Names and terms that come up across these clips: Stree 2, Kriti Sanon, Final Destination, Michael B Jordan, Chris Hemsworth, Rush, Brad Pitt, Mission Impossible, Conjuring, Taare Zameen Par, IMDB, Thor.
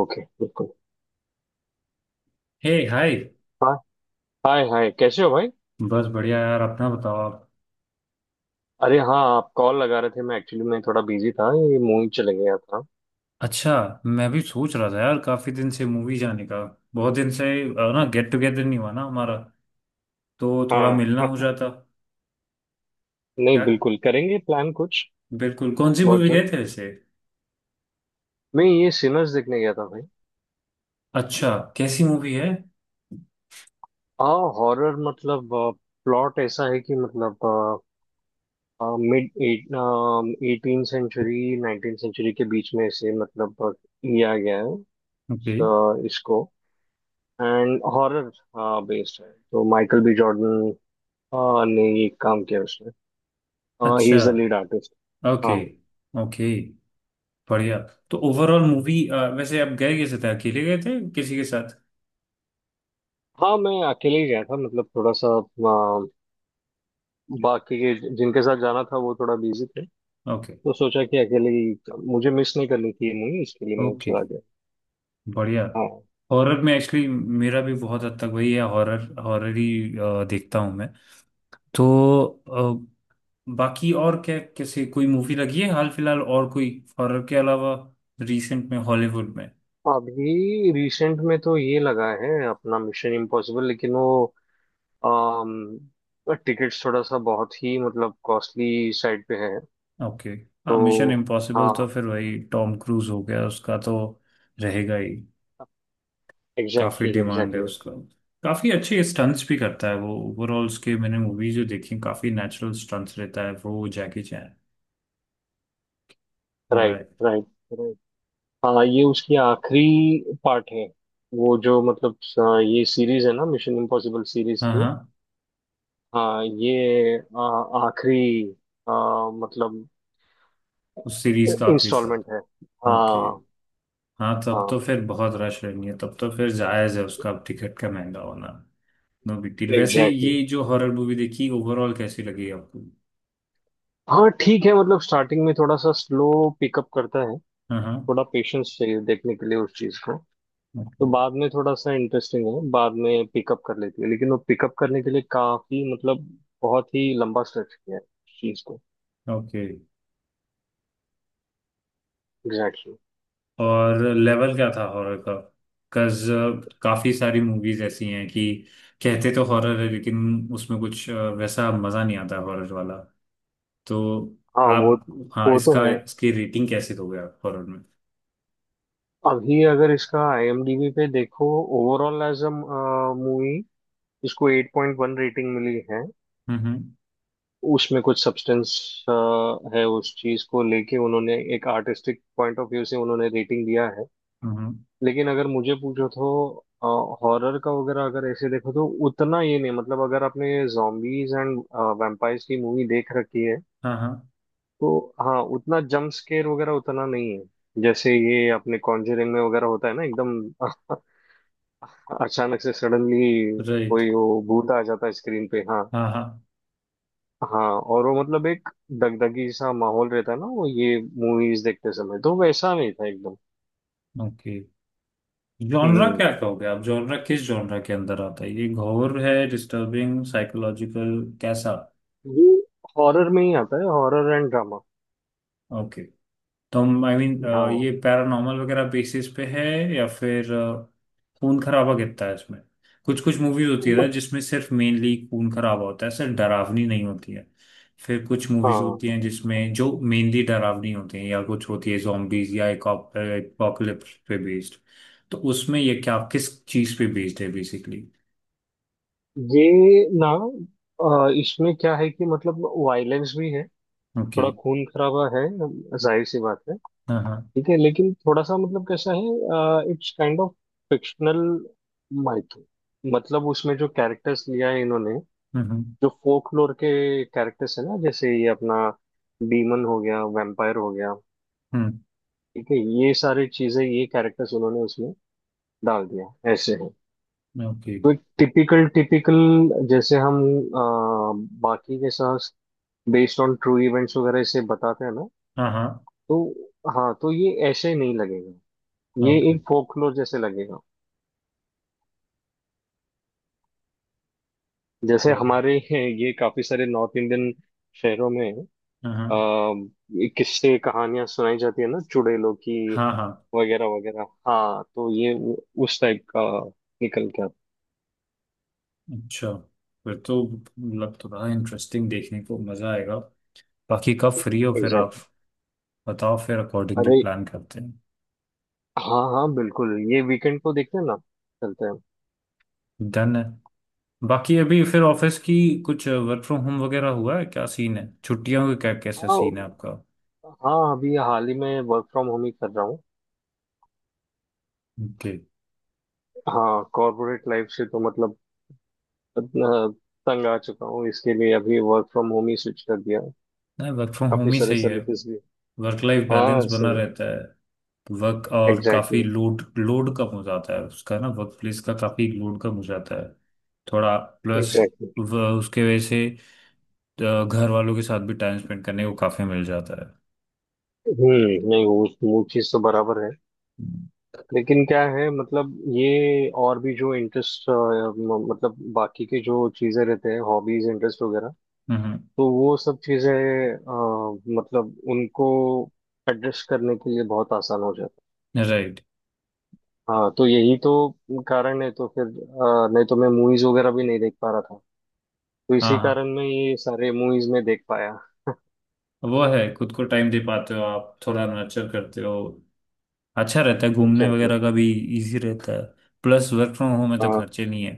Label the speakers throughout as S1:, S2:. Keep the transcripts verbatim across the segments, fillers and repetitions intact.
S1: Okay, बिल्कुल।
S2: Hey hi.
S1: हाँ, hi hi, कैसे हो भाई।
S2: बस बढ़िया यार, अपना बताओ आप।
S1: अरे हाँ, आप कॉल लगा रहे थे। मैं एक्चुअली मैं थोड़ा बिजी था, ये मूवी चले गया था।
S2: अच्छा। मैं भी सोच रहा था यार, काफी दिन से मूवी जाने का। बहुत दिन से। अ, ना गेट टुगेदर नहीं हुआ ना हमारा। तो थोड़ा
S1: हाँ
S2: मिलना हो
S1: हाँ।
S2: जाता।
S1: नहीं
S2: क्या।
S1: बिल्कुल, करेंगे प्लान कुछ
S2: बिल्कुल, कौन सी
S1: बहुत
S2: मूवी गए
S1: जल्द।
S2: थे वैसे?
S1: मैं ये सिनर्स देखने गया था भाई।
S2: अच्छा। कैसी मूवी है?
S1: हाँ हॉरर, मतलब प्लॉट ऐसा है कि मतलब mid eighteen century nineteen century के बीच में से मतलब अ, लिया गया है।
S2: ओके।
S1: अ, इसको एंड हॉरर बेस्ड है, तो माइकल बी जॉर्डन ने ये काम किया उसने। हाँ, ही
S2: अच्छा।
S1: Is the lead artist.
S2: Okay.
S1: हाँ
S2: ओके, बढ़िया। तो ओवरऑल मूवी वैसे आप गए कैसे थे, अकेले गए थे किसी के साथ?
S1: हाँ, मैं अकेले ही गया था, मतलब थोड़ा सा अ, बाकी के जिनके साथ जाना था वो थोड़ा बिजी थे।
S2: ओके।
S1: तो सोचा कि अकेले ही, मुझे मिस नहीं करनी थी ये मूवी, इसके लिए मैं
S2: ओके,
S1: चला गया।
S2: बढ़िया।
S1: हाँ।
S2: हॉरर में एक्चुअली मेरा भी बहुत हद तक वही है, हॉरर हॉरर ही अ, देखता हूँ मैं। तो अ, बाकी और क्या किसी कोई मूवी लगी है हाल फिलहाल और कोई, हॉरर के अलावा, रिसेंट में हॉलीवुड में?
S1: अभी रिसेंट में तो ये लगा है अपना मिशन इम्पॉसिबल, लेकिन वो टिकट्स थोड़ा सा बहुत ही मतलब कॉस्टली साइड पे है
S2: ओके। हाँ, मिशन
S1: तो।
S2: इम्पॉसिबल तो
S1: हाँ,
S2: फिर वही टॉम क्रूज हो गया, उसका तो रहेगा ही। काफी
S1: एग्जैक्टली
S2: डिमांड है
S1: एग्जैक्टली।
S2: उसका। काफी अच्छे स्टंट्स भी करता है वो, ओवरऑल उसके मैंने मूवी जो देखी काफी नेचुरल स्टंट्स रहता है वो, Jackie Chan.
S1: Right
S2: right.
S1: Right. हाँ, ये उसकी आखिरी पार्ट है, वो जो मतलब स- ये सीरीज है ना मिशन इम्पॉसिबल सीरीज
S2: हाँ
S1: की।
S2: हाँ।
S1: हाँ, ये आ, आखिरी आ, मतलब
S2: उस सीरीज का आखिरी।
S1: इंस्टॉलमेंट है।
S2: ओके।
S1: हाँ।
S2: हाँ, तब तो
S1: हाँ,
S2: फिर बहुत रश रहनी है, तब तो फिर जायज है उसका टिकट का महंगा होना। No big deal. वैसे
S1: एग्जैक्टली
S2: ये
S1: exactly.
S2: जो हॉरर मूवी देखी ओवरऑल कैसी लगी आपको?
S1: हाँ ठीक है, मतलब स्टार्टिंग में थोड़ा सा स्लो पिकअप करता है।
S2: हाँ हाँ।
S1: थोड़ा पेशेंस चाहिए देखने के लिए उस चीज को। तो
S2: ओके।
S1: बाद में थोड़ा सा इंटरेस्टिंग है, बाद में पिकअप कर लेती है, लेकिन वो पिकअप करने के लिए काफी मतलब बहुत ही लंबा स्ट्रेच किया है उस चीज को।
S2: ओके।
S1: एग्जैक्टली।
S2: और लेवल क्या था हॉरर का? बिकॉज काफी सारी मूवीज ऐसी हैं कि कहते तो हॉरर है लेकिन उसमें कुछ अ, वैसा मजा नहीं आता हॉरर वाला। तो
S1: हाँ वो
S2: आप, हाँ,
S1: वो तो
S2: इसका
S1: है।
S2: इसकी रेटिंग कैसे दोगे आप हॉरर में?
S1: अभी अगर इसका आई एम डी बी पे देखो, ओवरऑल एज अ मूवी, इसको एट पॉइंट वन रेटिंग मिली है।
S2: हम्म हम्म।
S1: उसमें कुछ सब्सटेंस है, उस चीज को लेके उन्होंने एक आर्टिस्टिक पॉइंट ऑफ व्यू से उन्होंने रेटिंग दिया है।
S2: हम्म,
S1: लेकिन अगर मुझे पूछो तो हॉरर का वगैरह अगर ऐसे देखो तो उतना ये नहीं, मतलब अगर आपने जॉम्बीज एंड वैम्पायर्स की मूवी देख रखी है।
S2: हाँ हाँ।
S1: तो हाँ, उतना जंप स्केयर वगैरह उतना नहीं है जैसे ये अपने कॉन्जरिंग में वगैरह होता है ना एकदम। अचानक से सडनली
S2: राइट।
S1: कोई वो भूत आ जाता है स्क्रीन पे। हाँ।
S2: हाँ हाँ।
S1: हाँ, और वो मतलब एक दगदगी सा माहौल रहता है ना वो, ये मूवीज देखते समय तो वैसा नहीं था एकदम।
S2: ओके। जॉनरा
S1: हम्म,
S2: क्या कहोगे आप, जॉनरा किस जॉनरा के अंदर आता है ये, घोर है, डिस्टर्बिंग, साइकोलॉजिकल, कैसा?
S1: ये हॉरर में ही आता है। Horror and drama.
S2: ओके। तो हम आई मीन ये
S1: हाँ।
S2: पैरानॉर्मल वगैरह बेसिस पे है, या फिर अ, खून खराबा कितना है इसमें? कुछ कुछ मूवीज होती है ना
S1: मत-
S2: जिसमें सिर्फ मेनली खून खराबा होता है, सिर्फ डरावनी नहीं होती है। फिर कुछ मूवीज
S1: हाँ,
S2: होती हैं जिसमें जो मेनली डरावनी होती हैं, या कुछ होती है zombies या एपोकलिप्स पे बेस्ड। तो उसमें ये क्या किस चीज पे बेस्ड है बेसिकली?
S1: ये ना अ, इसमें क्या है कि मतलब वायलेंस भी है।
S2: ओके।
S1: थोड़ा खून खराबा है, जाहिर सी बात है।
S2: हाँ हाँ।
S1: ठीक है, लेकिन थोड़ा सा मतलब कैसा है, इट्स काइंड ऑफ फिक्शनल माइथो, मतलब उसमें जो कैरेक्टर्स लिया है इन्होंने।
S2: हम्म
S1: जो फोकलोर के कैरेक्टर्स है ना, जैसे ये अपना डीमन हो गया, वैम्पायर हो गया।
S2: हम्म।
S1: ठीक है, ये सारी चीजें ये कैरेक्टर्स उन्होंने उसमें डाल दिया, ऐसे है।
S2: ओके।
S1: तो एक टिपिकल टिपिकल, जैसे हम अ, बाकी के साथ बेस्ड ऑन ट्रू इवेंट्स वगैरह इसे बताते हैं ना।
S2: हाँ हाँ।
S1: तो हाँ, तो ये ऐसे नहीं लगेगा, ये
S2: ओके।
S1: एक फोकलोर जैसे लगेगा। जैसे
S2: पर,
S1: हमारे ये काफी सारे नॉर्थ इंडियन शहरों में
S2: हाँ हाँ।
S1: अ, किस्से कहानियां सुनाई जाती है ना चुड़ैलों की
S2: हाँ हाँ।
S1: वगैरह वगैरह। हाँ तो ये उ- उस टाइप का निकल के आता
S2: अच्छा। फिर तो मतलब तो बड़ा इंटरेस्टिंग, देखने को मजा आएगा। बाकी कब फ्री हो
S1: है।
S2: फिर आप,
S1: एग्जैक्टली।
S2: बताओ फिर अकॉर्डिंगली
S1: अरे
S2: प्लान करते हैं।
S1: हाँ हाँ बिल्कुल, ये वीकेंड को देखते हैं ना, चलते हैं।
S2: डन है। बाकी अभी फिर ऑफिस की कुछ वर्क फ्रॉम होम वगैरह हुआ है क्या, सीन है छुट्टियों का, क्या कैसा
S1: हाँ
S2: सीन है आपका?
S1: हाँ, अभी हाल ही में वर्क फ्रॉम होम ही कर रहा हूँ।
S2: ओके।
S1: हाँ, कॉर्पोरेट लाइफ से तो मतलब इतना तंग आ चुका हूँ, इसके लिए अभी वर्क फ्रॉम होम ही स्विच कर दिया।
S2: नहीं, वर्क फ्रॉम होम
S1: काफी
S2: ही
S1: सारे
S2: सही है।
S1: सर्विसेज भी।
S2: वर्क लाइफ बैलेंस
S1: हाँ
S2: बना
S1: सही।
S2: रहता है वर्क, और काफी
S1: एग्जैक्टली
S2: लोड लोड कम हो जाता है उसका ना, वर्क प्लेस का काफी लोड कम हो जाता है। थोड़ा। Plus
S1: exactly exactly.
S2: उसके वजह से अ, घर वालों के साथ भी टाइम स्पेंड करने को काफी मिल जाता है।
S1: हम्म, नहीं वो वो चीज तो बराबर है, लेकिन क्या है मतलब ये और भी जो इंटरेस्ट, मतलब बाकी के जो चीजें रहते हैं हॉबीज इंटरेस्ट वगैरह।
S2: हम्म।
S1: तो वो सब चीजें अ, मतलब उनको एड्रेस करने के लिए बहुत आसान हो जाता
S2: राइट।
S1: है। हाँ तो यही तो कारण है, तो फिर अ, नहीं तो मैं मूवीज वगैरह भी नहीं देख पा रहा था। तो
S2: हाँ
S1: इसी
S2: हाँ।
S1: कारण मैं ये सारे मूवीज में देख पाया।
S2: वो है, खुद को टाइम दे पाते हो आप थोड़ा, नर्चर करते हो। अच्छा रहता है घूमने
S1: एग्जैक्टली exactly.
S2: वगैरह का भी। इजी रहता है। प्लस वर्क फ्रॉम होम में तो
S1: हाँ।
S2: खर्चे नहीं है।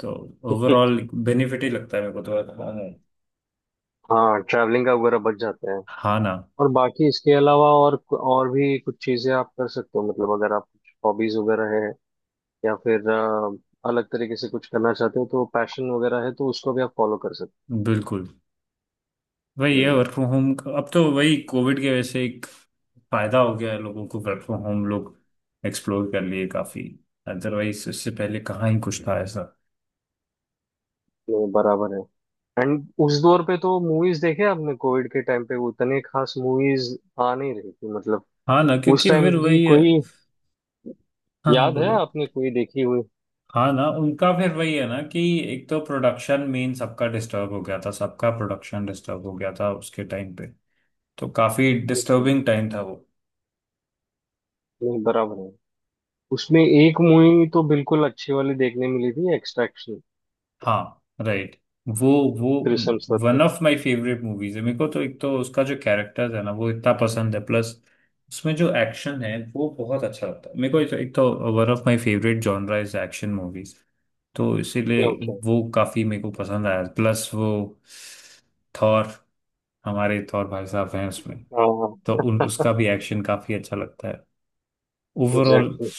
S2: तो ओवरऑल बेनिफिट ही लगता है मेरे को तो work from home।
S1: हाँ, ट्रैवलिंग का वगैरह बच जाता है।
S2: हाँ ना।
S1: और बाकी इसके अलावा और और भी कुछ चीजें आप कर सकते हो मतलब, अगर आप कुछ हॉबीज वगैरह हैं। या फिर अ, अलग तरीके से कुछ करना चाहते हो, तो पैशन वगैरह है तो उसको भी आप फॉलो कर सकते
S2: बिल्कुल।
S1: हो।
S2: वही है
S1: हम्म,
S2: वर्क फ्रॉम होम, अब तो वही कोविड के वजह से एक फायदा हो गया है लोगों को, वर्क फ्रॉम होम लोग एक्सप्लोर कर लिए काफी। अदरवाइज इससे पहले कहाँ ही कुछ था ऐसा।
S1: ये बराबर है। एंड उस दौर पे तो मूवीज देखे आपने कोविड के टाइम पे, उतने खास मूवीज आ नहीं रही थी मतलब।
S2: हाँ ना,
S1: उस
S2: क्योंकि
S1: टाइम
S2: फिर
S1: की
S2: वही है।
S1: कोई
S2: हाँ हाँ
S1: याद है
S2: बोलो।
S1: आपने, कोई देखी हुई?
S2: हाँ ना, उनका फिर वही है ना कि एक तो प्रोडक्शन मेन सबका डिस्टर्ब हो गया था, सबका प्रोडक्शन डिस्टर्ब हो गया था उसके टाइम पे। तो काफी
S1: हम्म,
S2: डिस्टर्बिंग टाइम था वो।
S1: नहीं बराबर है। उसमें एक मूवी तो बिल्कुल अच्छी वाली देखने मिली थी, एक्सट्रैक्शन,
S2: हाँ राइट। वो वो
S1: थ्रिसम के।
S2: One of my favourite movies है मेरे को तो, एक तो उसका जो कैरेक्टर है ना वो इतना पसंद है, प्लस उसमें जो एक्शन है वो बहुत अच्छा लगता है मेरे को। एक, तो, एक तो one of my favourite genre is action movies. तो इसीलिए
S1: ओके।
S2: वो काफी मेरे को पसंद आया। प्लस वो थॉर, हमारे थॉर भाई साहब हैं उसमें,
S1: हाँ हाँ,
S2: तो उन उसका भी एक्शन काफी अच्छा लगता है। ओवरऑल
S1: एग्जैक्टली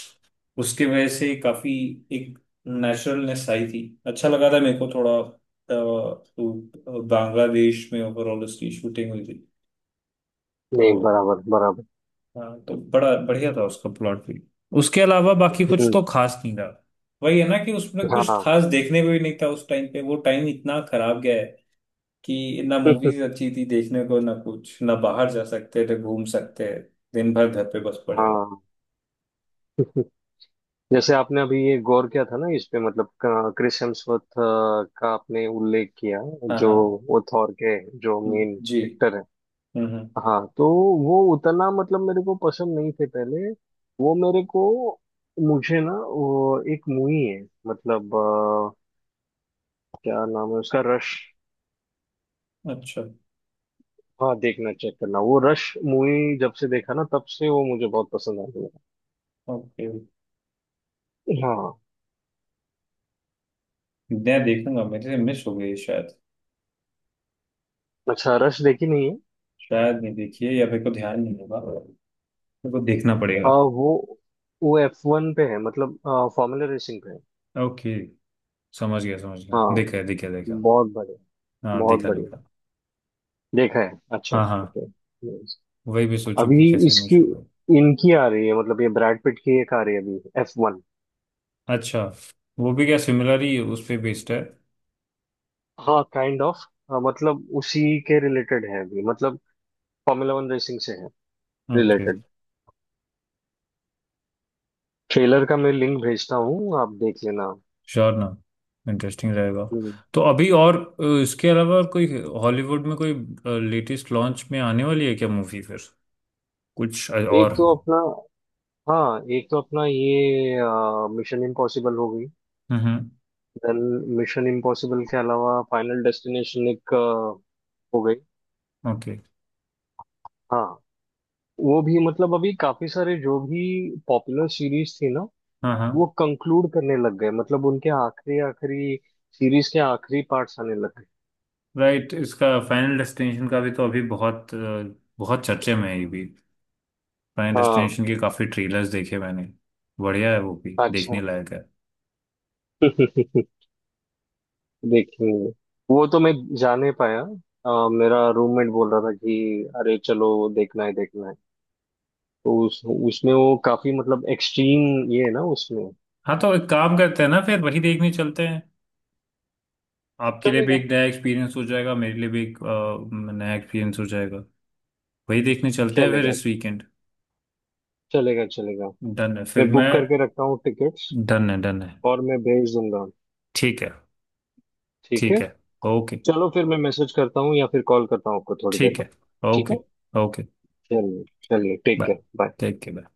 S2: उसकी वजह से काफी एक नेचुरलनेस आई थी, अच्छा लगा था मेरे को थोड़ा अ, तो बांग्लादेश में ओवरऑल उसकी शूटिंग हुई थी।
S1: exactly.
S2: तो
S1: नहीं बराबर बराबर।
S2: हाँ, तो बड़ा बढ़िया था उसका प्लॉट भी। उसके अलावा बाकी कुछ
S1: हम्म।
S2: तो खास नहीं था। वही है ना कि उसमें कुछ
S1: हाँ।
S2: खास देखने को भी नहीं था उस टाइम पे। वो टाइम इतना खराब गया है कि ना मूवीज अच्छी थी देखने को, ना कुछ, ना बाहर जा सकते थे, घूम सकते। दिन भर घर पे बस पड़े रहो।
S1: हाँ। जैसे आपने अभी ये गौर किया था ना इस पे, मतलब क्रिस हेम्सवर्थ का आपने उल्लेख किया,
S2: हाँ
S1: जो
S2: हाँ।
S1: वो थॉर के जो मेन
S2: जी।
S1: एक्टर है।
S2: हम्म हम्म।
S1: हाँ तो वो उतना मतलब मेरे को पसंद नहीं थे पहले, वो मेरे को मुझे ना, वो एक मूवी है मतलब अ, क्या नाम है उसका, रश।
S2: अच्छा।
S1: हाँ, देखना, चेक करना वो रश मूवी, जब से देखा ना तब से वो मुझे बहुत पसंद आ
S2: ओके।
S1: गया। हाँ।
S2: मैं देखूंगा, मेरे से मिस हो गई शायद।
S1: अच्छा, रश देखी नहीं है?
S2: शायद नहीं देखी है, या मेरे को ध्यान नहीं होगा, मेरे को देखना
S1: आ,
S2: पड़ेगा।
S1: वो वो एफ वन पे है, मतलब फॉर्मूला रेसिंग पे है।
S2: ओके। समझ गया समझ गया,
S1: हाँ,
S2: देखा देखा देखा।
S1: बहुत बढ़िया।
S2: हाँ
S1: बहुत
S2: देखा
S1: बढ़िया,
S2: देखा।
S1: देखा है। अच्छा
S2: हाँ
S1: ठीक
S2: हाँ।
S1: है। Yes.
S2: वही भी सोचू कि
S1: अभी
S2: कैसे मिस
S1: इसकी
S2: हो गया।
S1: इनकी आ रही है, मतलब ये ब्रैड पिट की एक आ रही है अभी, एफ वन।
S2: अच्छा। वो भी क्या सिमिलर ही उस पे बेस्ड है?
S1: हाँ, काइंड ऑफ, मतलब उसी के रिलेटेड है अभी, मतलब फॉर्मूला वन रेसिंग से है,
S2: ओके।
S1: रिलेटेड। ट्रेलर का मैं लिंक भेजता हूँ, आप देख लेना।
S2: श्योर ना। इंटरेस्टिंग रहेगा।
S1: हम्म।
S2: तो अभी और अ, इसके अलावा और कोई हॉलीवुड में कोई लेटेस्ट लॉन्च में आने वाली है क्या मूवी फिर कुछ अ, और?
S1: एक तो
S2: हम्म।
S1: अपना हाँ एक तो अपना ये मिशन इम्पॉसिबल हो गई।
S2: हम्म,
S1: देन मिशन इम्पॉसिबल के अलावा फाइनल डेस्टिनेशन एक अ, हो गई।
S2: ओके।
S1: हाँ। वो भी मतलब, अभी काफी सारे जो भी पॉपुलर सीरीज थी ना
S2: हाँ हाँ।
S1: वो कंक्लूड करने लग गए, मतलब उनके आखिरी आखिरी सीरीज के आखिरी पार्ट्स आने लग गए।
S2: राइट, इसका फाइनल डेस्टिनेशन का भी तो अभी बहुत अ, बहुत चर्चे में है ये भी। फाइनल
S1: हाँ,
S2: डेस्टिनेशन के काफी ट्रेलर्स देखे मैंने। बढ़िया है, वो भी
S1: अच्छा।
S2: देखने लायक है।
S1: देखेंगे। वो तो मैं जा नहीं पाया, अ, मेरा रूममेट बोल रहा था कि अरे चलो देखना है देखना है। तो उस उसमें वो काफी मतलब एक्सट्रीम ये है ना उसमें।
S2: हाँ तो एक काम करते हैं ना, फिर वही देखने चलते हैं। आपके लिए भी
S1: चलेगा।
S2: एक नया एक्सपीरियंस हो जाएगा, मेरे लिए भी एक अ, नया एक्सपीरियंस हो जाएगा। वही देखने चलते हैं फिर
S1: चलेगा
S2: इस वीकेंड।
S1: चलेगा चलेगा।
S2: डन है फिर
S1: मैं
S2: मैं।
S1: बुक करके रखता हूँ टिकट्स
S2: डन है डन है।
S1: और मैं भेज दूंगा।
S2: ठीक है।
S1: ठीक है।
S2: ठीक है। ओके।
S1: चलो फिर, मैं मैसेज करता हूँ या फिर कॉल करता हूँ आपको थोड़ी देर
S2: ठीक
S1: बाद।
S2: है।
S1: ठीक है।
S2: ओके। ओके।
S1: चलिए। चलिए, take
S2: bye.
S1: Care. Bye.
S2: Take care.